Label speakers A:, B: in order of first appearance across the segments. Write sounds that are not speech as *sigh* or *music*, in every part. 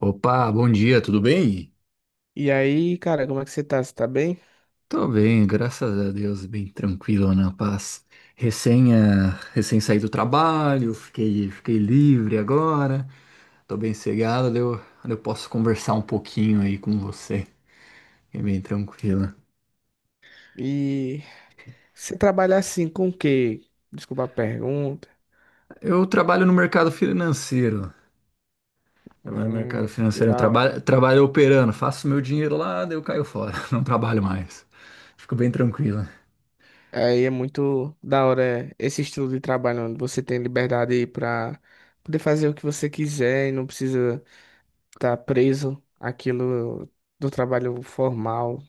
A: Opa, bom dia, tudo bem?
B: E aí, cara, como é que você tá? Você tá bem?
A: Tô bem, graças a Deus, bem tranquilo, na paz. Recém saí do trabalho, fiquei livre agora, tô bem cegado, daí eu posso conversar um pouquinho aí com você, é bem tranquilo.
B: E você trabalha assim com o quê? Desculpa a pergunta.
A: Eu trabalho no mercado financeiro, trabalho no
B: Hum,
A: mercado
B: que
A: financeiro,
B: da hora.
A: trabalho operando, faço meu dinheiro lá, daí eu caio fora, *laughs* não trabalho mais. Fico bem tranquilo.
B: Aí é muito da hora esse estilo de trabalho onde você tem liberdade pra poder fazer o que você quiser e não precisa estar preso àquilo do trabalho formal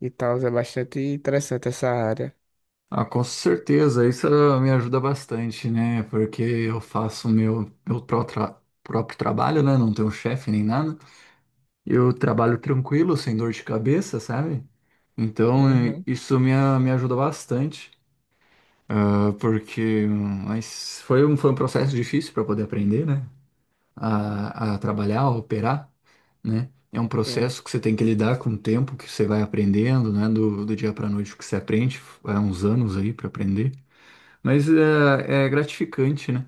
B: e tal. É bastante interessante essa área.
A: Ah, com certeza, isso me ajuda bastante, né? Porque eu faço meu próprio trabalho, né? Não tenho chefe nem nada. Eu trabalho tranquilo, sem dor de cabeça, sabe? Então,
B: Uhum,
A: me ajuda bastante, ah, porque mas foi um processo difícil para poder aprender, né? A trabalhar, a operar, né? É um
B: sim,
A: processo que você tem que lidar com o tempo que você vai aprendendo, né? Do dia para noite que você aprende, é uns anos aí para aprender. Mas é gratificante, né?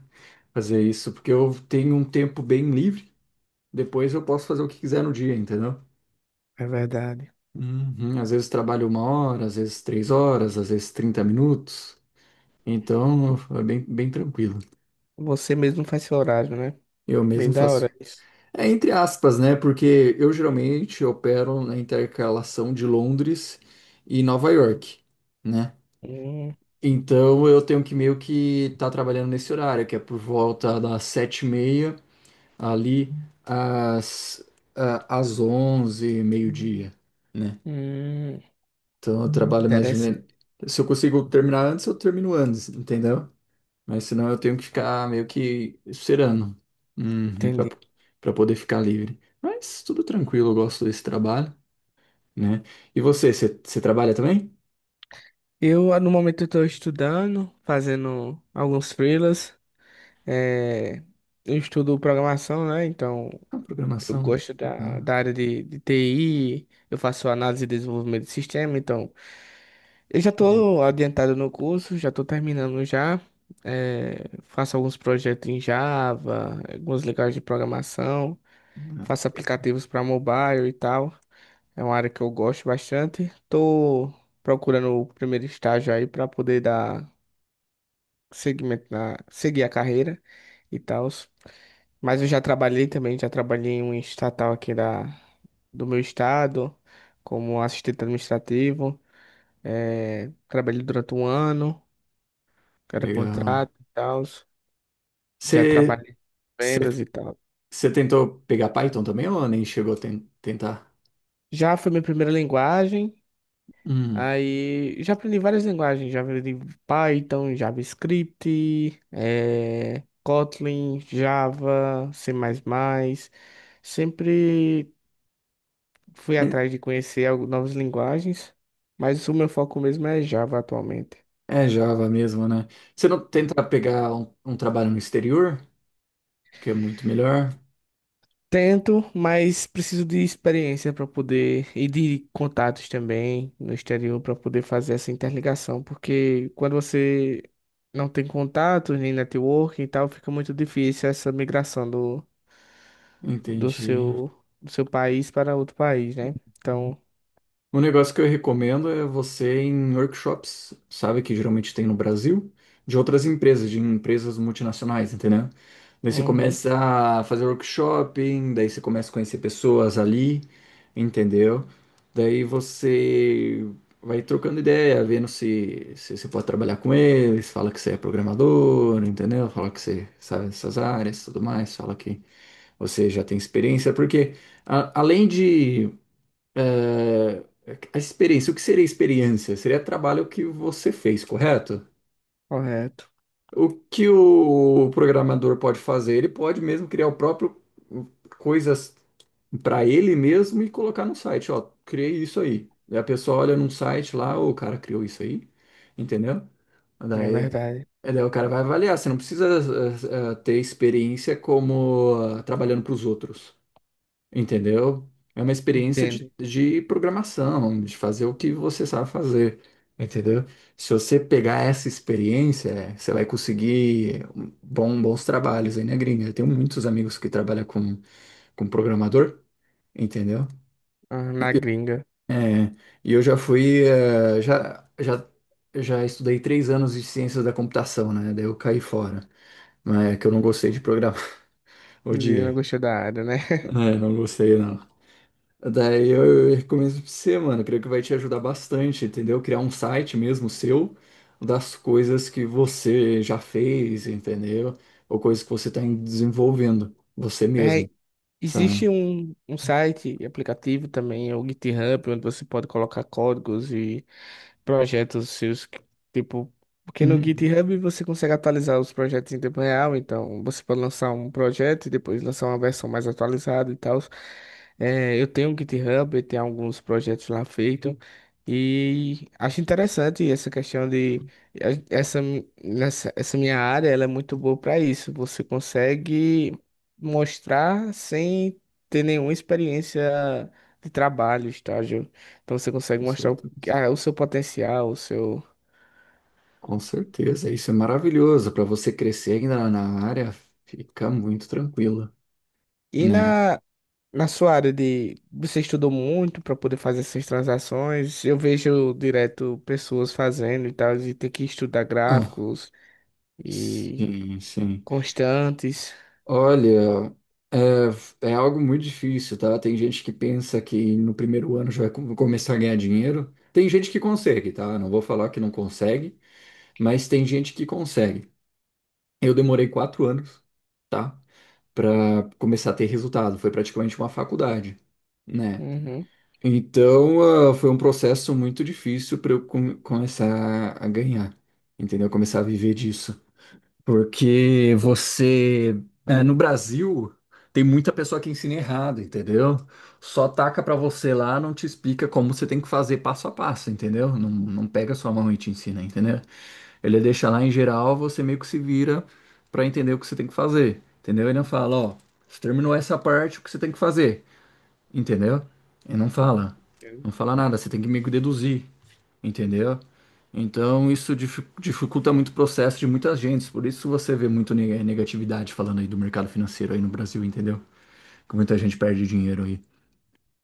A: Fazer isso, porque eu tenho um tempo bem livre, depois eu posso fazer o que quiser no dia, entendeu?
B: é verdade.
A: Uhum. Às vezes trabalho uma hora, às vezes três horas, às vezes 30 minutos. Então é bem tranquilo.
B: Você mesmo faz seu horário, né?
A: Eu mesmo
B: Bem da hora
A: faço.
B: isso.
A: É entre aspas, né? Porque eu geralmente opero na intercalação de Londres e Nova York, né?
B: Hum,
A: Então eu tenho que meio que estar trabalhando nesse horário, que é por volta das sete e meia ali às, às 11, meio-dia, né?
B: hum,
A: Então eu trabalho mais ou menos. Se eu consigo terminar antes, eu termino antes, entendeu? Mas senão eu tenho que ficar meio que esperando, uhum,
B: entendi.
A: para poder ficar livre. Mas tudo tranquilo, eu gosto desse trabalho, né? E você trabalha também?
B: Eu, no momento, estou estudando, fazendo alguns freelas. É, eu estudo programação, né? Então,
A: Ah,
B: eu
A: programação.
B: gosto
A: Ah,
B: da área de TI, eu faço análise e desenvolvimento de sistema. Então, eu já
A: que le-
B: estou adiantado no curso, já estou terminando já. É, faço alguns projetos em Java, algumas linguagens de programação.
A: ah,
B: Faço
A: que le-
B: aplicativos para mobile e tal. É uma área que eu gosto bastante. Tô procurando o primeiro estágio aí para poder dar seguimento seguir a carreira e tal. Mas eu já trabalhei também, já trabalhei em um estatal aqui do meu estado, como assistente administrativo. É, trabalhei durante um ano,
A: que
B: era
A: legal.
B: contrato e tal. Já
A: Você,
B: trabalhei em
A: você,
B: vendas e tal.
A: Você tentou pegar Python também ou nem chegou a tentar?
B: Já foi minha primeira linguagem.
A: Hum.
B: Aí já aprendi várias linguagens, já aprendi Python, JavaScript, Kotlin, Java, C++. Sempre fui atrás de conhecer novas linguagens, mas o meu foco mesmo é Java atualmente.
A: É Java mesmo, né? Você não tenta pegar um trabalho no exterior, que é muito melhor?
B: Tento, mas preciso de experiência para poder e de contatos também no exterior para poder fazer essa interligação, porque quando você não tem contatos nem networking e tal, fica muito difícil essa migração do
A: Entendi.
B: seu do seu país para outro país, né? Então,
A: Um negócio que eu recomendo é você ir em workshops, sabe, que geralmente tem no Brasil, de outras empresas, de empresas multinacionais, entendeu? Daí você
B: uhum,
A: começa a fazer workshopping, daí você começa a conhecer pessoas ali, entendeu? Daí você vai trocando ideia, vendo se você pode trabalhar com eles, fala que você é programador, entendeu? Fala que você sabe essas áreas, tudo mais, fala que você já tem experiência, porque além de é, a experiência, o que seria experiência? Seria trabalho que você fez, correto?
B: correto,
A: O que o programador pode fazer? Ele pode mesmo criar o próprio hum, coisas para ele mesmo e colocar no site, ó, criei isso aí. Daí a pessoa olha num site lá, "Ô, o cara criou isso aí, entendeu?"
B: é
A: Daí,
B: verdade,
A: daí o cara vai avaliar, você não precisa ter experiência como ah, trabalhando para os outros. Entendeu? É uma experiência
B: entendo.
A: de programação, de fazer o que você sabe fazer, entendeu? Se você pegar essa experiência, é, você vai conseguir um bons trabalhos aí na gringa. Eu tenho muitos amigos que trabalham com programador, entendeu?
B: Ah, na gringa,
A: É, e eu já fui, já estudei 3 anos de ciências da computação, né? Daí eu caí fora, mas é que eu não gostei de programar, *laughs*
B: eu não
A: odiei.
B: gostei da área, né? *laughs*
A: É, não gostei, não. Eu recomendo pra você, mano. Creio que vai te ajudar bastante, entendeu? Criar um site mesmo seu das coisas que você já fez, entendeu? Ou coisas que você tá desenvolvendo, você mesmo,
B: É.
A: sabe?
B: Existe um site e aplicativo também, é o GitHub, onde você pode colocar códigos e projetos seus, que, tipo, porque no
A: Uhum,
B: GitHub você consegue atualizar os projetos em tempo real, então você pode lançar um projeto e depois lançar uma versão mais atualizada e tal. É, eu tenho um GitHub, eu tenho alguns projetos lá feitos e acho interessante essa questão de essa minha área, ela é muito boa para isso. Você consegue mostrar sem ter nenhuma experiência de trabalho, estágio. Então você
A: com
B: consegue mostrar o
A: certeza.
B: o seu potencial, o seu.
A: Com certeza. Isso é maravilhoso, para você crescer ainda na na área, fica muito tranquilo,
B: E
A: né?
B: na sua área de. Você estudou muito para poder fazer essas transações. Eu vejo direto pessoas fazendo e tal, e ter que estudar
A: Ah,
B: gráficos e
A: sim, sim.
B: constantes.
A: Olha, é algo muito difícil, tá? Tem gente que pensa que no primeiro ano já vai começar a ganhar dinheiro. Tem gente que consegue, tá? Não vou falar que não consegue, mas tem gente que consegue. Eu demorei 4 anos, tá, para começar a ter resultado. Foi praticamente uma faculdade, né?
B: Uhum.
A: Então, ah, foi um processo muito difícil para eu começar a ganhar, entendeu? Começar a viver disso. Porque você, é, no Brasil, tem muita pessoa que ensina errado, entendeu? Só taca pra você lá, não te explica como você tem que fazer passo a passo, entendeu? Não pega sua mão e te ensina, entendeu? Ele deixa lá em geral, você meio que se vira pra entender o que você tem que fazer, entendeu? Ele não fala, ó, você terminou essa parte, o que você tem que fazer, entendeu? Ele não fala, não fala nada, você tem que meio que deduzir, entendeu? Então isso dificulta muito o processo de muitas gentes, por isso você vê muito negatividade falando aí do mercado financeiro aí no Brasil, entendeu? Que muita gente perde dinheiro aí,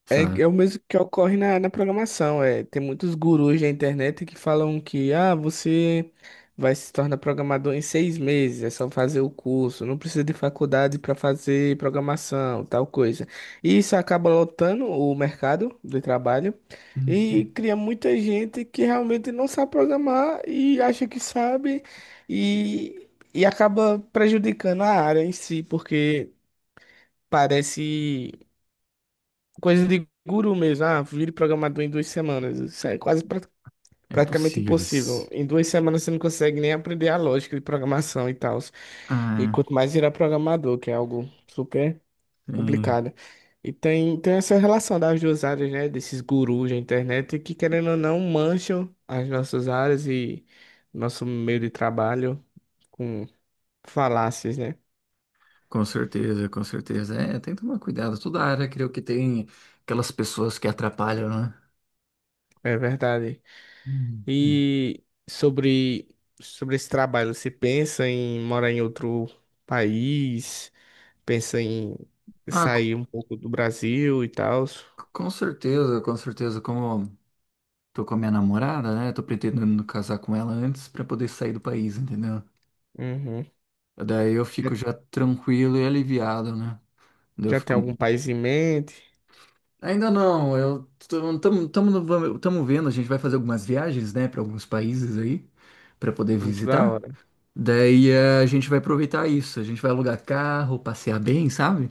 A: sabe?
B: É, é o mesmo que ocorre na programação. É, tem muitos gurus da internet que falam que você vai se tornar programador em seis meses, é só fazer o curso, não precisa de faculdade para fazer programação, tal coisa. E isso acaba lotando o mercado de trabalho
A: Hum.
B: e cria muita gente que realmente não sabe programar e acha que sabe e, e acaba prejudicando a área em si, porque parece coisa de guru mesmo. Ah, vire programador em duas semanas.
A: É
B: Praticamente
A: impossível
B: impossível.
A: isso.
B: Em duas semanas você não consegue nem aprender a lógica de programação e tal. E
A: Ah,
B: quanto mais virar programador, que é algo super
A: sim,
B: complicado. E tem essa relação das duas áreas, né? Desses gurus da internet que, querendo ou não, mancham as nossas áreas e nosso meio de trabalho com falácias, né?
A: com certeza, com certeza. É, tem que tomar cuidado. Toda área, creio que tem aquelas pessoas que atrapalham, né?
B: É verdade.
A: Hum, hum.
B: E sobre, sobre esse trabalho, você pensa em morar em outro país? Pensa em
A: Ah, co-
B: sair um pouco do Brasil e tal?
A: com certeza, com certeza. Como tô com a minha namorada, né? Tô pretendendo casar com ela antes pra poder sair do país, entendeu?
B: Uhum.
A: Daí eu
B: Já,
A: fico já tranquilo e aliviado, né? Daí eu
B: já tem
A: fico.
B: algum país em mente?
A: Ainda não, eu estamos vendo, a gente vai fazer algumas viagens, né, para alguns países aí, para poder
B: Muito da
A: visitar.
B: hora.
A: Daí a gente vai aproveitar isso, a gente vai alugar carro, passear bem, sabe?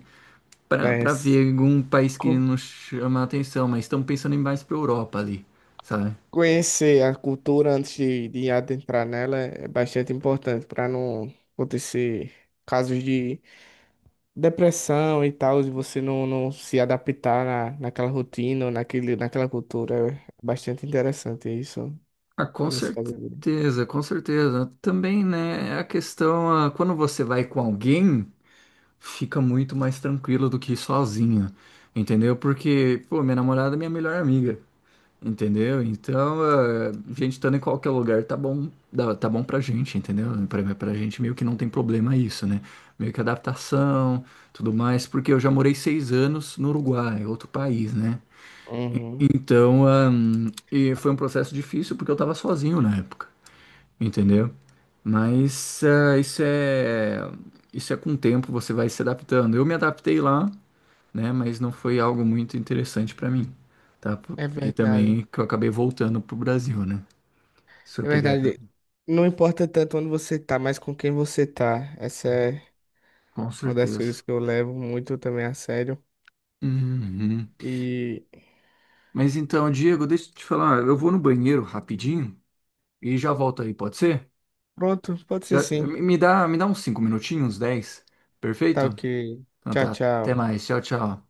B: É,
A: Para
B: s-
A: ver algum país que
B: co-
A: nos chama a atenção, mas estamos pensando em mais para Europa ali, sabe?
B: Conhecer a cultura antes de adentrar nela é bastante importante para não acontecer casos de depressão e tal, de você não se adaptar naquela rotina, ou naquela cultura. É bastante interessante isso
A: Ah, com
B: que você fazer.
A: certeza, com certeza. Também, né, a questão, ah, quando você vai com alguém, fica muito mais tranquilo do que ir sozinho, entendeu? Porque, pô, minha namorada é minha melhor amiga, entendeu? Então, a gente estando em qualquer lugar tá bom, tá bom pra gente, entendeu? Pra gente meio que não tem problema isso, né? Meio que adaptação, tudo mais, porque eu já morei 6 anos no Uruguai, outro país, né?
B: Uhum.
A: Então, e foi um processo difícil porque eu tava sozinho na época, entendeu? Mas ah, isso é com o tempo, você vai se adaptando. Eu me adaptei lá, né? Mas não foi algo muito interessante para mim, tá? P-
B: É
A: e
B: verdade.
A: também que eu acabei voltando pro Brasil, né? Se eu
B: É
A: pegar pra...
B: verdade. Não importa tanto onde você tá, mas com quem você tá. Essa é
A: Com
B: uma das
A: certeza.
B: coisas que eu levo muito também a sério.
A: Uhum.
B: E
A: Mas então, Diego, deixa eu te falar, eu vou no banheiro rapidinho e já volto aí, pode ser?
B: pronto, pode ser
A: Já,
B: sim.
A: me dá uns 5 minutinhos, 10.
B: Tá
A: Perfeito?
B: ok.
A: Então
B: Tchau,
A: tá, até
B: tchau.
A: mais, tchau, tchau.